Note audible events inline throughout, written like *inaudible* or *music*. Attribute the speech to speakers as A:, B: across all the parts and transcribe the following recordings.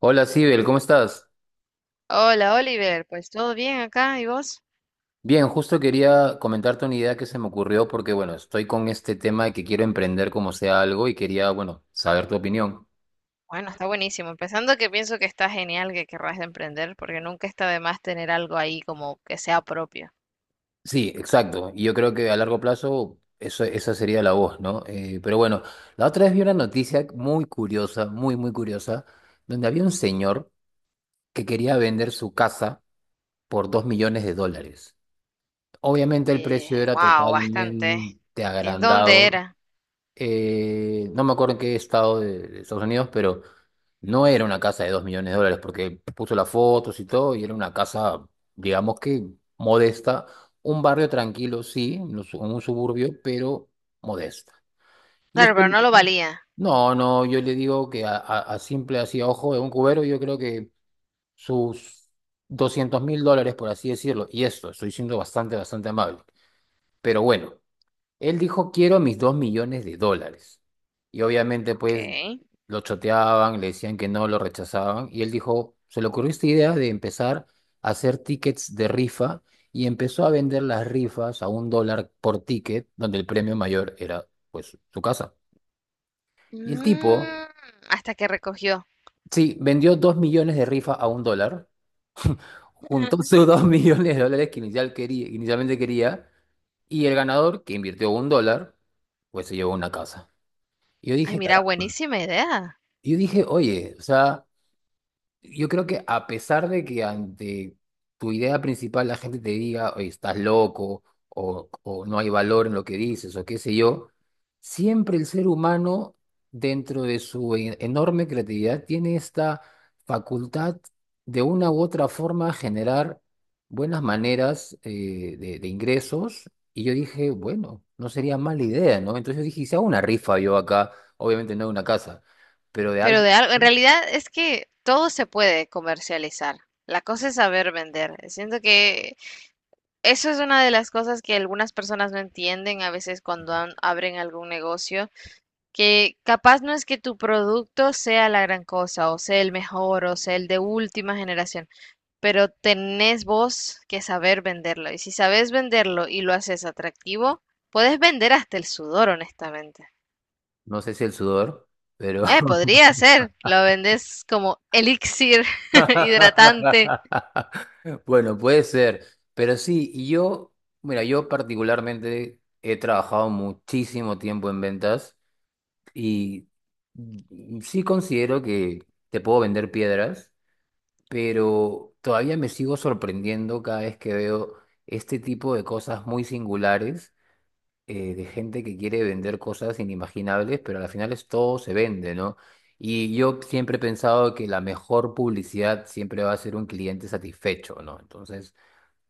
A: Hola, Sibel, ¿cómo estás?
B: Hola Oliver, pues todo bien acá, ¿y vos?
A: Bien, justo quería comentarte una idea que se me ocurrió porque, bueno, estoy con este tema de que quiero emprender como sea algo y quería, bueno, saber tu opinión.
B: Bueno, está buenísimo. Empezando que pienso que está genial que querrás de emprender, porque nunca está de más tener algo ahí como que sea propio.
A: Sí, exacto. Y yo creo que a largo plazo eso, esa sería la voz, ¿no? Pero bueno, la otra vez vi una noticia muy curiosa, muy, muy curiosa, donde había un señor que quería vender su casa por 2 millones de dólares. Obviamente el precio era
B: Wow, bastante.
A: totalmente
B: ¿En dónde
A: agrandado.
B: era?
A: No me acuerdo en qué estado de Estados Unidos, pero no era una casa de 2 millones de dólares, porque puso las fotos y todo, y era una casa, digamos que modesta, un barrio tranquilo, sí, en un suburbio, pero modesta. Y
B: Claro,
A: este
B: pero no lo
A: loco,
B: valía.
A: no, no, yo le digo que a simple así a ojo de un cubero, yo creo que sus 200.000 dólares, por así decirlo, y estoy siendo bastante, bastante amable, pero bueno. Él dijo, quiero mis 2 millones de dólares. Y obviamente,
B: Ok.
A: pues, lo choteaban, le decían que no, lo rechazaban. Y él dijo, se le ocurrió esta idea de empezar a hacer tickets de rifa y empezó a vender las rifas a $1 por ticket, donde el premio mayor era, pues, su casa. Y el tipo,
B: Mm, hasta que recogió.
A: sí, vendió 2 millones de rifas a un dólar, juntó *laughs*
B: *laughs*
A: sus 2 millones de dólares que inicialmente quería, y el ganador, que invirtió $1, pues se llevó una casa. Y yo
B: Ay,
A: dije,
B: mira,
A: caramba.
B: buenísima idea.
A: Y yo dije, oye, o sea, yo creo que a pesar de que ante tu idea principal la gente te diga, oye, estás loco, o no hay valor en lo que dices, o qué sé yo, siempre el ser humano, dentro de su enorme creatividad, tiene esta facultad de una u otra forma generar buenas maneras de ingresos. Y yo dije, bueno, no sería mala idea, ¿no? Entonces yo dije, "Y si hago una rifa yo acá, obviamente no de una casa, pero de
B: Pero
A: algo.
B: de algo, en realidad es que todo se puede comercializar. La cosa es saber vender. Siento que eso es una de las cosas que algunas personas no entienden a veces cuando abren algún negocio, que capaz no es que tu producto sea la gran cosa o sea el mejor o sea el de última generación, pero tenés vos que saber venderlo, y si sabes venderlo y lo haces atractivo, puedes vender hasta el sudor, honestamente.
A: No sé si el sudor, pero...
B: Podría ser, lo vendes como elixir *laughs* hidratante.
A: *laughs* Bueno, puede ser. Pero sí, y yo, mira, yo particularmente he trabajado muchísimo tiempo en ventas y sí considero que te puedo vender piedras, pero todavía me sigo sorprendiendo cada vez que veo este tipo de cosas muy singulares de gente que quiere vender cosas inimaginables, pero al final es todo se vende, ¿no? Y yo siempre he pensado que la mejor publicidad siempre va a ser un cliente satisfecho, ¿no? Entonces,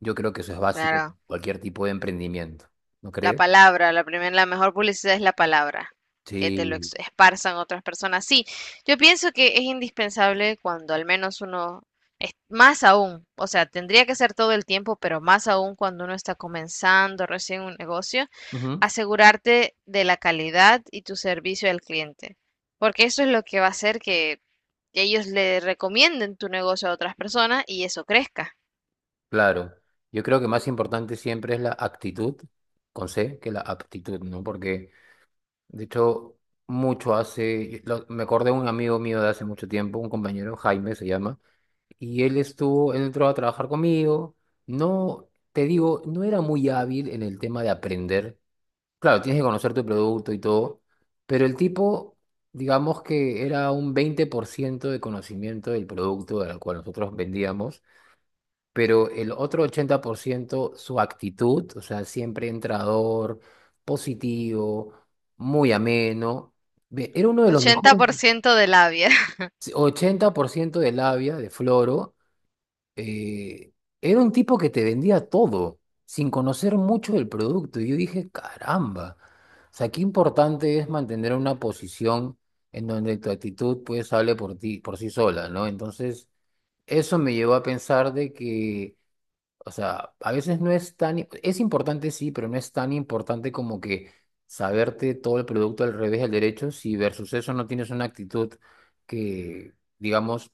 A: yo creo que eso es básico para
B: Claro.
A: cualquier tipo de emprendimiento, ¿no
B: La
A: crees?
B: palabra, la primera, la mejor publicidad es la palabra, que te lo
A: Sí,
B: esparzan otras personas. Sí, yo pienso que es indispensable cuando al menos uno, más aún, o sea, tendría que ser todo el tiempo, pero más aún cuando uno está comenzando recién un negocio,
A: ujú.
B: asegurarte de la calidad y tu servicio al cliente, porque eso es lo que va a hacer que ellos le recomienden tu negocio a otras personas y eso crezca.
A: Claro. Yo creo que más importante siempre es la actitud, con C, que la aptitud, ¿no? Porque, de hecho, mucho hace, me acordé de un amigo mío de hace mucho tiempo, un compañero, Jaime se llama. Y él estuvo, él entró a trabajar conmigo. No, te digo, no era muy hábil en el tema de aprender. Claro, tienes que conocer tu producto y todo, pero el tipo, digamos que era un 20% de conocimiento del producto al cual nosotros vendíamos, pero el otro 80% su actitud, o sea, siempre entrador, positivo, muy ameno. Ve, era uno de los
B: Ochenta
A: mejores,
B: por ciento de labia.
A: 80% de labia, de floro eh, era un tipo que te vendía todo, sin conocer mucho del producto. Y yo dije, caramba, o sea, qué importante es mantener una posición en donde tu actitud pues hable por ti, por sí sola, ¿no? Entonces, eso me llevó a pensar de que, o sea, a veces no es tan, es importante sí, pero no es tan importante como que saberte todo el producto al revés y al derecho, si versus eso no tienes una actitud que... digamos,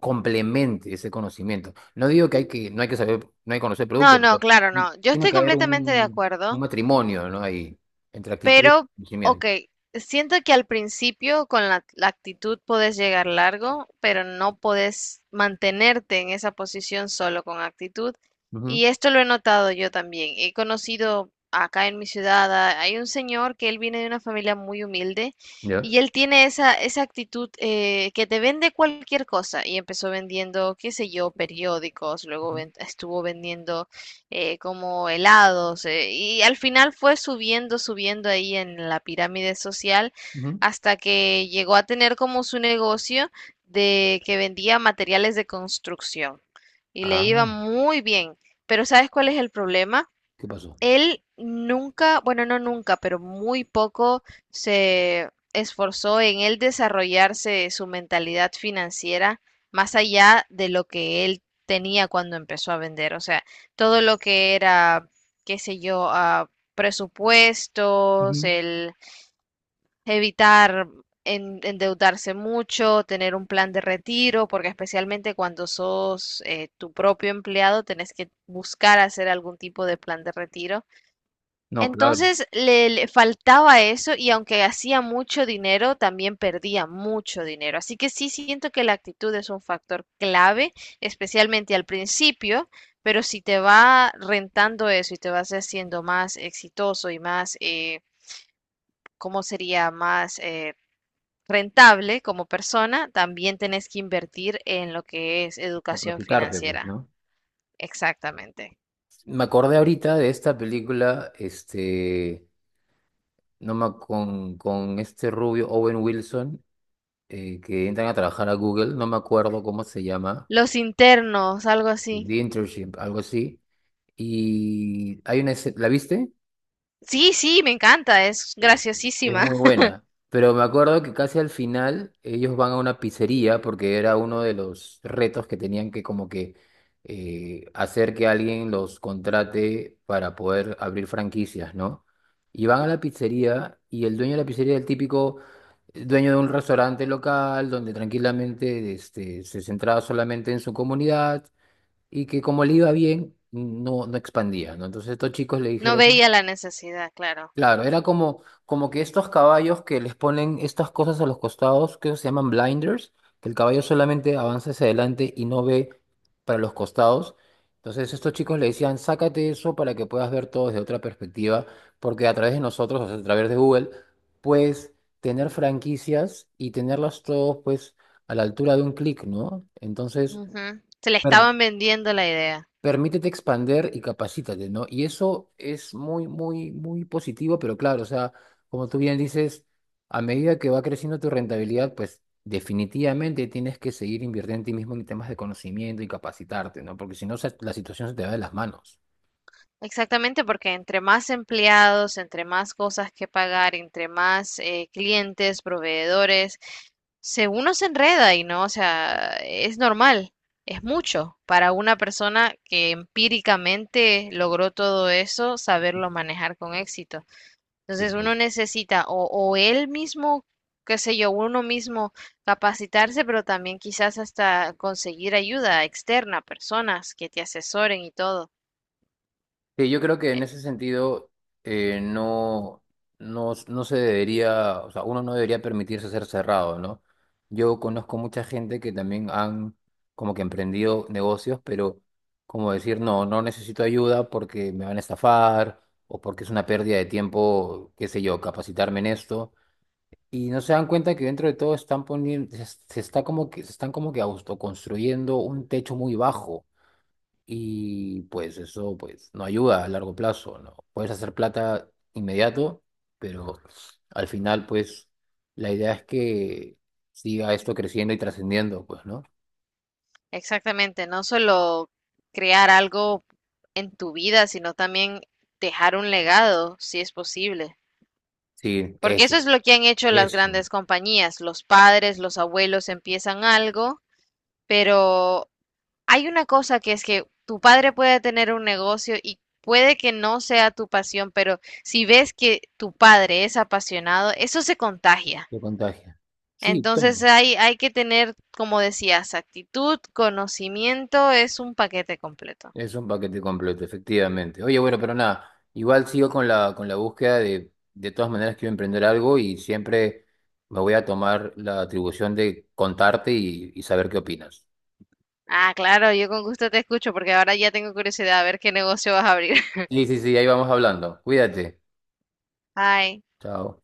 A: complemente ese conocimiento. No digo que hay que, no hay que saber, no hay que conocer
B: No,
A: producto,
B: no,
A: pero
B: claro, no. Yo
A: tiene
B: estoy
A: que haber
B: completamente de
A: un
B: acuerdo,
A: matrimonio, ¿no? Ahí, entre actitud
B: pero,
A: y
B: ok,
A: conocimiento.
B: siento que al principio con la actitud podés llegar largo, pero no podés mantenerte en esa posición solo con actitud.
A: Ujú.
B: Y esto lo he notado yo también. He conocido acá en mi ciudad, a- hay un señor que él viene de una familia muy humilde
A: ¿Ya?
B: y él tiene esa actitud, que te vende cualquier cosa. Y empezó vendiendo, qué sé yo, periódicos, luego
A: Ujú,
B: estuvo vendiendo, como helados, y al final fue subiendo, subiendo ahí en la pirámide social
A: ujú.
B: hasta que llegó a tener como su negocio de que vendía materiales de construcción y le iba
A: Ah,
B: muy bien. Pero ¿sabes cuál es el problema?
A: ¿qué pasó?
B: Él nunca, bueno, no nunca, pero muy poco se esforzó en él desarrollarse su mentalidad financiera más allá de lo que él tenía cuando empezó a vender. O sea, todo lo que era, qué sé yo, ah, presupuestos,
A: Ujú.
B: el evitar endeudarse mucho, tener un plan de retiro, porque especialmente cuando sos, tu propio empleado, tenés que buscar hacer algún tipo de plan de retiro.
A: No, claro,
B: Entonces le faltaba eso, y aunque hacía mucho dinero, también perdía mucho dinero. Así que sí siento que la actitud es un factor clave, especialmente al principio, pero si te va rentando eso y te vas haciendo más exitoso y más, ¿cómo sería? Más, rentable como persona, también tenés que invertir en lo que es educación
A: capacitarte, pues,
B: financiera.
A: ¿no?
B: Exactamente.
A: Me acordé ahorita de esta película, este, no me, ac- con este rubio Owen Wilson, que entran a trabajar a Google, no me acuerdo cómo se llama,
B: Los internos, algo
A: The
B: así.
A: Internship, algo así. Y hay una escena, ¿la viste?
B: Sí, sí, me encanta, es
A: Eh, es
B: graciosísima.
A: muy buena. Pero me acuerdo que casi al final ellos van a una pizzería porque era uno de los retos que tenían que como que hacer que alguien los contrate para poder abrir franquicias, ¿no? Y van a la pizzería y el dueño de la pizzería es el típico dueño de un restaurante local donde tranquilamente este, se centraba solamente en su comunidad y que como le iba bien, no, no expandía, ¿no? Entonces estos chicos le
B: No
A: dijeron...
B: veía la necesidad, claro.
A: Claro, era como, como que estos caballos que les ponen estas cosas a los costados, que se llaman blinders, que el caballo solamente avanza hacia adelante y no ve para los costados. Entonces estos chicos le decían, sácate eso para que puedas ver todo desde otra perspectiva, porque a través de nosotros, o sea, a través de Google, puedes tener franquicias y tenerlas todos pues a la altura de un clic, ¿no? Entonces,
B: Ujú. Se le
A: per-
B: estaban vendiendo la idea.
A: permítete expander y capacítate, ¿no? Y eso es muy, muy, muy positivo, pero claro, o sea, como tú bien dices, a medida que va creciendo tu rentabilidad, pues definitivamente tienes que seguir invirtiendo en ti mismo en temas de conocimiento y capacitarte, ¿no? Porque si no, la situación se te va de las manos.
B: Exactamente, porque entre más empleados, entre más cosas que pagar, entre más, clientes, proveedores, se uno se enreda y no, o sea, es normal, es mucho para una persona que empíricamente logró todo eso, saberlo manejar con éxito.
A: Y
B: Entonces uno
A: pues
B: necesita o él mismo, qué sé yo, uno mismo capacitarse, pero también quizás hasta conseguir ayuda externa, personas que te asesoren y todo.
A: sí, yo creo que en
B: E-
A: ese sentido no, no, no se debería, o sea, uno no debería permitirse ser cerrado, ¿no? Yo conozco mucha gente que también han como que emprendido negocios, pero como decir, no, no necesito ayuda porque me van a estafar o porque es una pérdida de tiempo, qué sé yo, capacitarme en esto. Y no se dan cuenta que dentro de todo están poniendo, se están como que autoconstruyendo un techo muy bajo y pues eso pues no ayuda a largo plazo, ¿no? Puedes hacer plata inmediato, pero al final pues la idea es que siga esto creciendo y trascendiendo, pues, ¿no?
B: Exactamente, no solo crear algo en tu vida, sino también dejar un legado, si es posible.
A: Sí,
B: Porque eso
A: eso,
B: es lo que han hecho las
A: eso,
B: grandes compañías. Los padres, los abuelos empiezan algo, pero hay una cosa, que es que tu padre puede tener un negocio y puede que no sea tu pasión, pero si ves que tu padre es apasionado, eso se contagia.
A: te contagia. Sí,
B: Entonces
A: todo.
B: hay que tener, como decías, actitud, conocimiento, es un paquete completo.
A: Es un paquete completo, efectivamente. Oye, bueno, pero nada, igual sigo con la, búsqueda de todas maneras quiero emprender algo y siempre me voy a tomar la atribución de contarte y saber qué opinas.
B: Ah, claro, yo con gusto te escucho, porque ahora ya tengo curiosidad a ver qué negocio vas a abrir. *laughs*
A: Sí, sí, sí, ahí vamos hablando. Cuídate.
B: Ay,
A: Chao.